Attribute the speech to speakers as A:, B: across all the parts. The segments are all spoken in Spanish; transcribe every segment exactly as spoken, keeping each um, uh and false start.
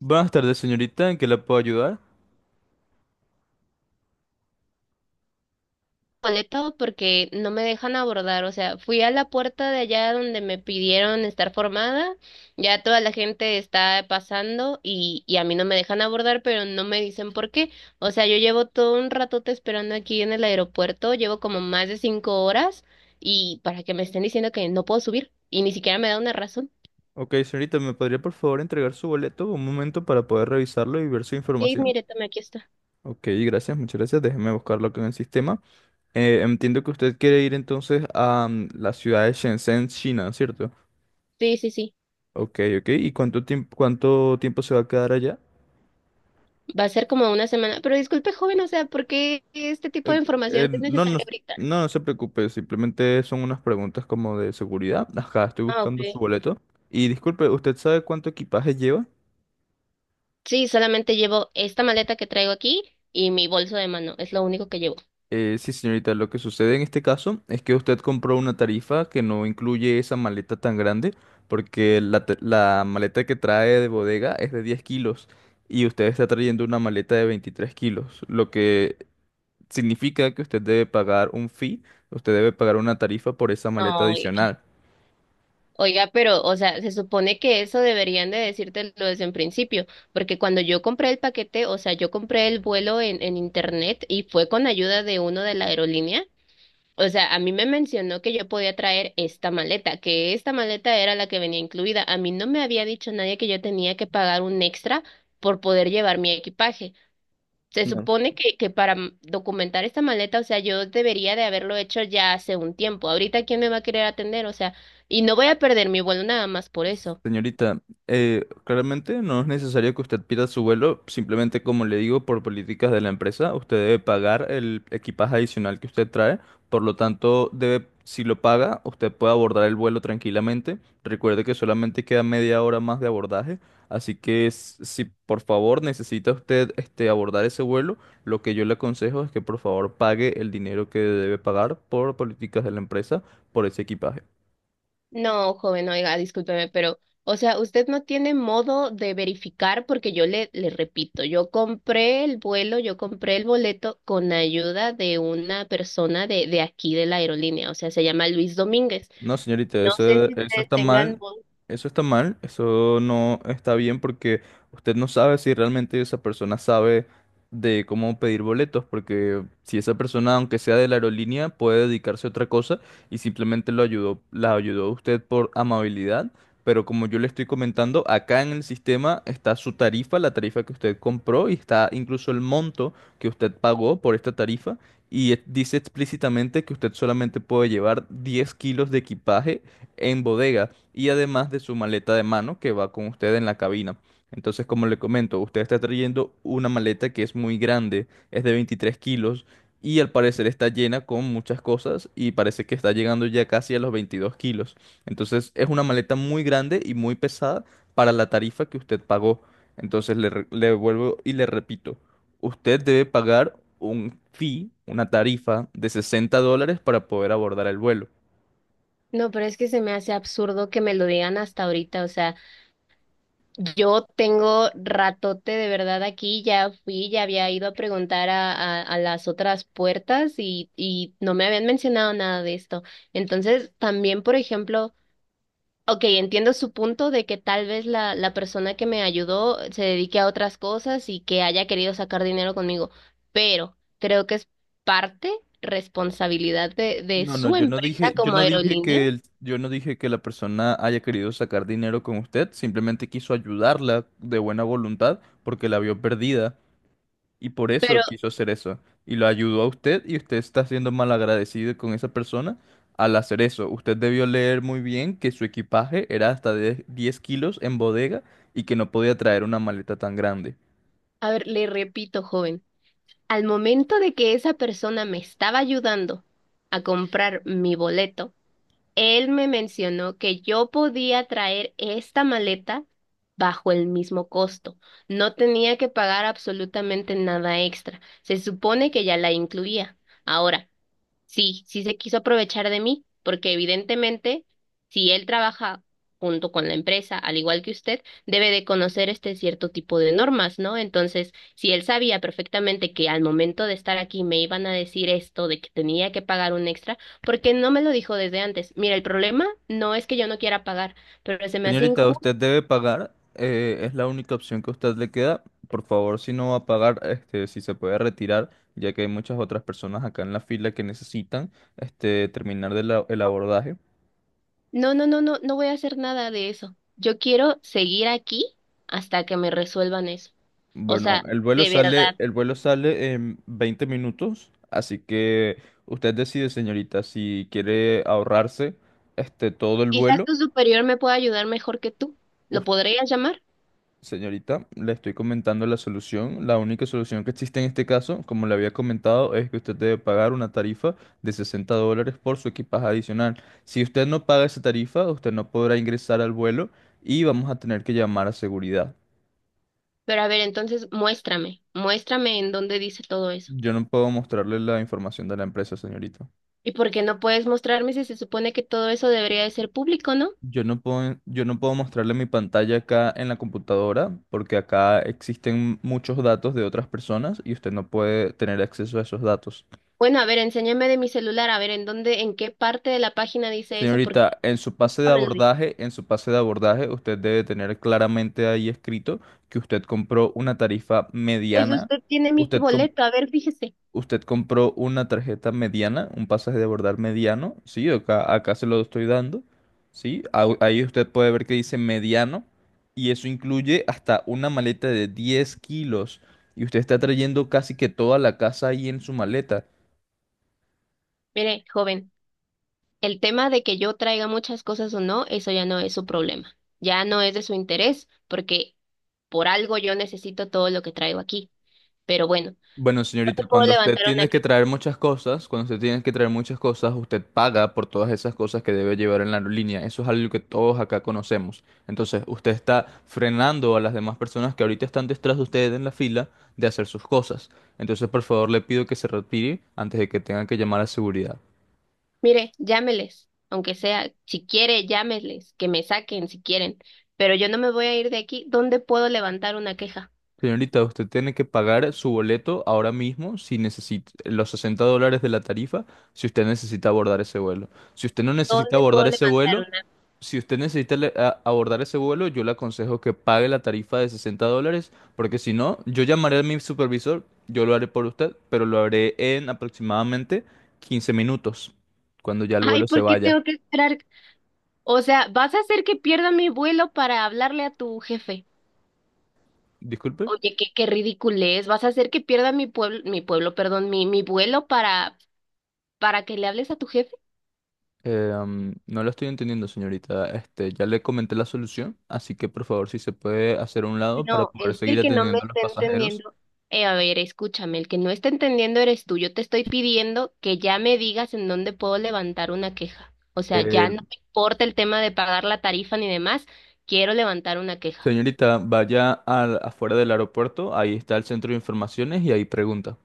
A: Buenas tardes, señorita. ¿En qué la puedo ayudar?
B: Boleto porque no me dejan abordar, o sea, fui a la puerta de allá donde me pidieron estar formada, ya toda la gente está pasando y, y a mí no me dejan abordar, pero no me dicen por qué, o sea, yo llevo todo un ratote esperando aquí en el aeropuerto, llevo como más de cinco horas y para que me estén diciendo que no puedo subir y ni siquiera me da una razón.
A: Ok, señorita, ¿me podría por favor entregar su boleto un momento para poder revisarlo y ver su
B: Sí,
A: información?
B: mire, tome, aquí está.
A: Ok, gracias, muchas gracias. Déjeme buscarlo acá en el sistema. Eh, entiendo que usted quiere ir entonces a mm, la ciudad de Shenzhen, China, ¿cierto?
B: Sí, sí, sí.
A: Ok, ok. ¿Y cuánto tiempo, cuánto tiempo se va a quedar allá?
B: Va a ser como una semana, pero disculpe, joven, o sea, ¿por qué este tipo de
A: Eh, eh,
B: información es
A: no, no,
B: necesaria ahorita?
A: no, no se preocupe, simplemente son unas preguntas como de seguridad. Ajá, estoy
B: Ah,
A: buscando su
B: ok.
A: boleto. Y disculpe, ¿usted sabe cuánto equipaje lleva?
B: Sí, solamente llevo esta maleta que traigo aquí y mi bolso de mano. Es lo único que llevo.
A: Eh, sí, señorita, lo que sucede en este caso es que usted compró una tarifa que no incluye esa maleta tan grande, porque la, ta- la maleta que trae de bodega es de diez kilos y usted está trayendo una maleta de veintitrés kilos, lo que significa que usted debe pagar un fee, usted debe pagar una tarifa por esa maleta
B: No, oiga.
A: adicional.
B: Oiga, pero, o sea, se supone que eso deberían de decírtelo desde en principio, porque cuando yo compré el paquete, o sea, yo compré el vuelo en, en internet y fue con ayuda de uno de la aerolínea. O sea, a mí me mencionó que yo podía traer esta maleta, que esta maleta era la que venía incluida. A mí no me había dicho nadie que yo tenía que pagar un extra por poder llevar mi equipaje. Se supone que, que para m- documentar esta maleta, o sea, yo debería de haberlo hecho ya hace un tiempo. Ahorita, ¿quién me va a querer atender? O sea, y no voy a perder mi vuelo nada más por eso.
A: Señorita, eh, claramente no es necesario que usted pierda su vuelo, simplemente como le digo, por políticas de la empresa, usted debe pagar el equipaje adicional que usted trae, por lo tanto, debe, si lo paga, usted puede abordar el vuelo tranquilamente. Recuerde que solamente queda media hora más de abordaje, así que s- si por favor necesita usted este, abordar ese vuelo, lo que yo le aconsejo es que por favor pague el dinero que debe pagar por políticas de la empresa por ese equipaje.
B: No, joven, oiga, discúlpeme, pero, o sea, usted no tiene modo de verificar porque yo le, le repito, yo compré el vuelo, yo compré el boleto con ayuda de una persona de, de aquí de la aerolínea, o sea, se llama Luis Domínguez.
A: No, señorita,
B: No sé
A: eso,
B: si
A: eso
B: ustedes
A: está
B: tengan
A: mal,
B: modo.
A: eso está mal, eso no está bien porque usted no sabe si realmente esa persona sabe de cómo pedir boletos, porque si esa persona, aunque sea de la aerolínea, puede dedicarse a otra cosa y simplemente lo ayudó, la ayudó a usted por amabilidad, pero como yo le estoy comentando, acá en el sistema está su tarifa, la tarifa que usted compró y está incluso el monto que usted pagó por esta tarifa y e- dice explícitamente que usted solamente puede llevar diez kilos de equipaje en bodega y además de su maleta de mano que va con usted en la cabina. Entonces, como le comento, usted está trayendo una maleta que es muy grande, es de veintitrés kilos y al parecer está llena con muchas cosas y parece que está llegando ya casi a los veintidós kilos. Entonces, es una maleta muy grande y muy pesada para la tarifa que usted pagó. Entonces, le, re- le vuelvo y le repito. Usted debe pagar un fee, una tarifa de sesenta dólares para poder abordar el vuelo.
B: No, pero es que se me hace absurdo que me lo digan hasta ahorita, o sea. Yo tengo ratote de verdad aquí, ya fui, ya había ido a preguntar a, a, a las otras puertas y, y no me habían mencionado nada de esto. Entonces, también, por ejemplo, ok, entiendo su punto de que tal vez la, la persona que me ayudó se dedique a otras cosas y que haya querido sacar dinero conmigo, pero creo que es parte responsabilidad de, de
A: No, no,
B: su
A: yo no
B: empresa
A: dije, yo
B: como
A: no dije
B: aerolínea.
A: que el- yo no dije que la persona haya querido sacar dinero con usted, simplemente quiso ayudarla de buena voluntad porque la vio perdida y por eso
B: Pero,
A: quiso hacer eso. Y lo ayudó a usted y usted está siendo mal agradecido con esa persona al hacer eso. Usted debió leer muy bien que su equipaje era hasta de diez kilos en bodega y que no podía traer una maleta tan grande.
B: a ver, le repito, joven. Al momento de que esa persona me estaba ayudando a comprar mi boleto, él me mencionó que yo podía traer esta maleta bajo el mismo costo. No tenía que pagar absolutamente nada extra. Se supone que ya la incluía. Ahora, sí, sí se quiso aprovechar de mí, porque evidentemente, si él trabaja junto con la empresa, al igual que usted, debe de conocer este cierto tipo de normas, ¿no? Entonces, si él sabía perfectamente que al momento de estar aquí me iban a decir esto de que tenía que pagar un extra, ¿por qué no me lo dijo desde antes? Mira, el problema no es que yo no quiera pagar, pero se me hace
A: Señorita,
B: injusto.
A: usted debe pagar, eh, es la única opción que a usted le queda. Por favor, si no va a pagar, este, si se puede retirar, ya que hay muchas otras personas acá en la fila que necesitan, este, terminar de la- el abordaje.
B: No, no, no, no, no voy a hacer nada de eso. Yo quiero seguir aquí hasta que me resuelvan eso. O
A: Bueno,
B: sea,
A: el vuelo
B: de
A: sale,
B: verdad.
A: el vuelo sale en veinte minutos, así que usted decide, señorita, si quiere ahorrarse, este, todo el
B: Quizás
A: vuelo.
B: tu superior me pueda ayudar mejor que tú. Lo podrías llamar.
A: Señorita, le estoy comentando la solución. La única solución que existe en este caso, como le había comentado, es que usted debe pagar una tarifa de sesenta dólares por su equipaje adicional. Si usted no paga esa tarifa, usted no podrá ingresar al vuelo y vamos a tener que llamar a seguridad.
B: Pero a ver, entonces muéstrame, muéstrame en dónde dice todo eso.
A: Yo no puedo mostrarle la información de la empresa, señorita.
B: ¿Y por qué no puedes mostrarme si se supone que todo eso debería de ser público, no?
A: Yo no puedo, yo no puedo mostrarle mi pantalla acá en la computadora porque acá existen muchos datos de otras personas y usted no puede tener acceso a esos datos.
B: Bueno, a ver, enséñame de mi celular, a ver en dónde, en qué parte de la página dice eso, porque
A: Señorita, en su pase de
B: nunca me lo dice.
A: abordaje, en su pase de abordaje, usted debe tener claramente ahí escrito que usted compró una tarifa
B: Pues
A: mediana,
B: usted tiene mi
A: usted, com-
B: boleto, a ver, fíjese.
A: usted compró una tarjeta mediana, un pasaje de abordar mediano, sí, acá, acá se lo estoy dando, sí, au- ahí usted puede ver que dice mediano y eso incluye hasta una maleta de diez kilos y usted está trayendo casi que toda la casa ahí en su maleta.
B: Mire, joven, el tema de que yo traiga muchas cosas o no, eso ya no es su problema. Ya no es de su interés, porque por algo yo necesito todo lo que traigo aquí. Pero bueno,
A: Bueno,
B: no te
A: señorita,
B: puedo
A: cuando usted
B: levantar una
A: tiene
B: que,
A: que traer muchas cosas, cuando usted tiene que traer muchas cosas, usted paga por todas esas cosas que debe llevar en la aerolínea. Eso es algo que todos acá conocemos. Entonces, usted está frenando a las demás personas que ahorita están detrás de usted en la fila de hacer sus cosas. Entonces, por favor, le pido que se retire antes de que tenga que llamar a seguridad.
B: mire, llámeles, aunque sea, si quiere, llámeles, que me saquen si quieren, pero yo no me voy a ir de aquí. ¿Dónde puedo levantar una queja?
A: Señorita, usted tiene que pagar su boleto ahora mismo si necesita los sesenta dólares de la tarifa, si usted necesita abordar ese vuelo. Si usted no necesita
B: ¿Dónde puedo
A: abordar ese
B: levantar
A: vuelo,
B: una?
A: si usted necesita le- a- abordar ese vuelo, yo le aconsejo que pague la tarifa de sesenta dólares, porque si no, yo llamaré a mi supervisor, yo lo haré por usted, pero lo haré en aproximadamente quince minutos, cuando ya el
B: Ay,
A: vuelo se
B: ¿por qué
A: vaya.
B: tengo que esperar? O sea, ¿vas a hacer que pierda mi vuelo para hablarle a tu jefe?
A: Disculpe,
B: Oye, qué, qué ridículo es. ¿Vas a hacer que pierda mi pueblo, mi pueblo, perdón, mi, mi vuelo para, para que le hables a tu jefe?
A: eh, am, no lo estoy entendiendo, señorita. Este, ya le comenté la solución, así que por favor, si se puede hacer a un lado para
B: No,
A: poder
B: es que
A: seguir
B: el que no me
A: atendiendo a los
B: está
A: pasajeros.
B: entendiendo, eh, a ver, escúchame, el que no está entendiendo eres tú. Yo te estoy pidiendo que ya me digas en dónde puedo levantar una queja. O sea,
A: Eh,
B: ya no me importa el tema de pagar la tarifa ni demás, quiero levantar una queja.
A: señorita, vaya al- afuera del aeropuerto, ahí está el centro de informaciones y ahí pregunta.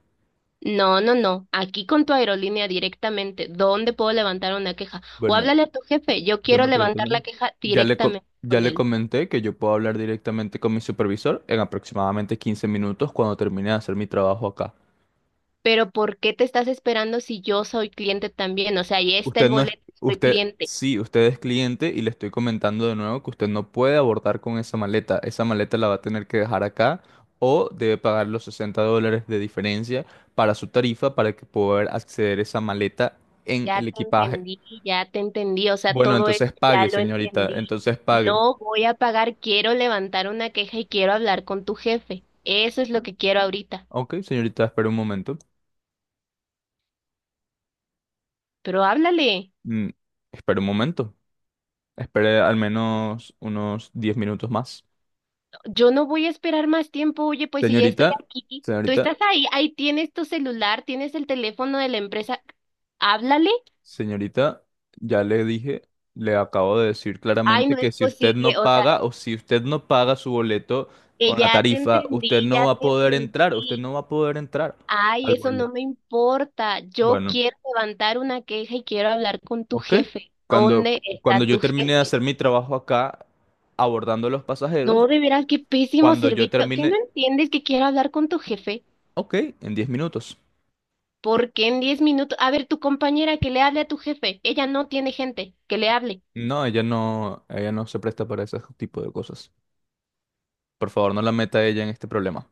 B: No, no, no, aquí con tu aerolínea directamente, ¿dónde puedo levantar una queja? O
A: Bueno,
B: háblale a tu jefe, yo
A: yo
B: quiero
A: me pregunto,
B: levantar la
A: ¿no?
B: queja
A: Ya le, co-
B: directamente
A: ya
B: con
A: le
B: él.
A: comenté que yo puedo hablar directamente con mi supervisor en aproximadamente quince minutos cuando termine de hacer mi trabajo acá.
B: Pero ¿por qué te estás esperando si yo soy cliente también? O sea, ahí está
A: Usted
B: el
A: no es,
B: boleto, soy
A: usted,
B: cliente.
A: sí, usted es cliente y le estoy comentando de nuevo que usted no puede abordar con esa maleta. Esa maleta la va a tener que dejar acá o debe pagar los sesenta dólares de diferencia para su tarifa para que poder acceder a esa maleta en
B: Ya
A: el
B: te
A: equipaje.
B: entendí, ya te entendí, o sea,
A: Bueno,
B: todo esto
A: entonces
B: ya
A: pague,
B: lo
A: señorita,
B: entendí.
A: entonces pague.
B: No voy a pagar, quiero levantar una queja y quiero hablar con tu jefe. Eso es lo que quiero ahorita.
A: Ok, señorita, espera un momento.
B: Pero háblale,
A: Mm, espere un momento. Espere al menos unos diez minutos más.
B: yo no voy a esperar más tiempo, oye, pues si ya estoy
A: Señorita,
B: aquí, tú estás
A: señorita,
B: ahí, ahí tienes tu celular, tienes el teléfono de la empresa, háblale.
A: señorita, ya le dije, le acabo de decir
B: Ay,
A: claramente
B: no es
A: que si usted
B: posible,
A: no
B: o sea,
A: paga o si usted no paga su boleto
B: que
A: con la
B: ya te
A: tarifa,
B: entendí,
A: usted no
B: ya
A: va a
B: te
A: poder
B: entendí.
A: entrar, usted no va a poder entrar
B: Ay,
A: al
B: eso
A: vuelo.
B: no me importa. Yo
A: Bueno,
B: quiero levantar una queja y quiero hablar con tu
A: ok.
B: jefe.
A: Cuando,
B: ¿Dónde
A: cuando
B: está
A: yo
B: tu
A: termine de
B: jefe?
A: hacer mi trabajo acá abordando a los pasajeros,
B: No, de veras, qué pésimo
A: cuando yo
B: servicio. ¿Qué no
A: termine,
B: entiendes que quiero hablar con tu jefe?
A: ok, en diez minutos.
B: ¿Por qué en diez minutos? A ver, tu compañera que le hable a tu jefe. Ella no tiene gente. Que le hable.
A: No, ella no, ella no se presta para ese tipo de cosas. Por favor, no la meta a ella en este problema.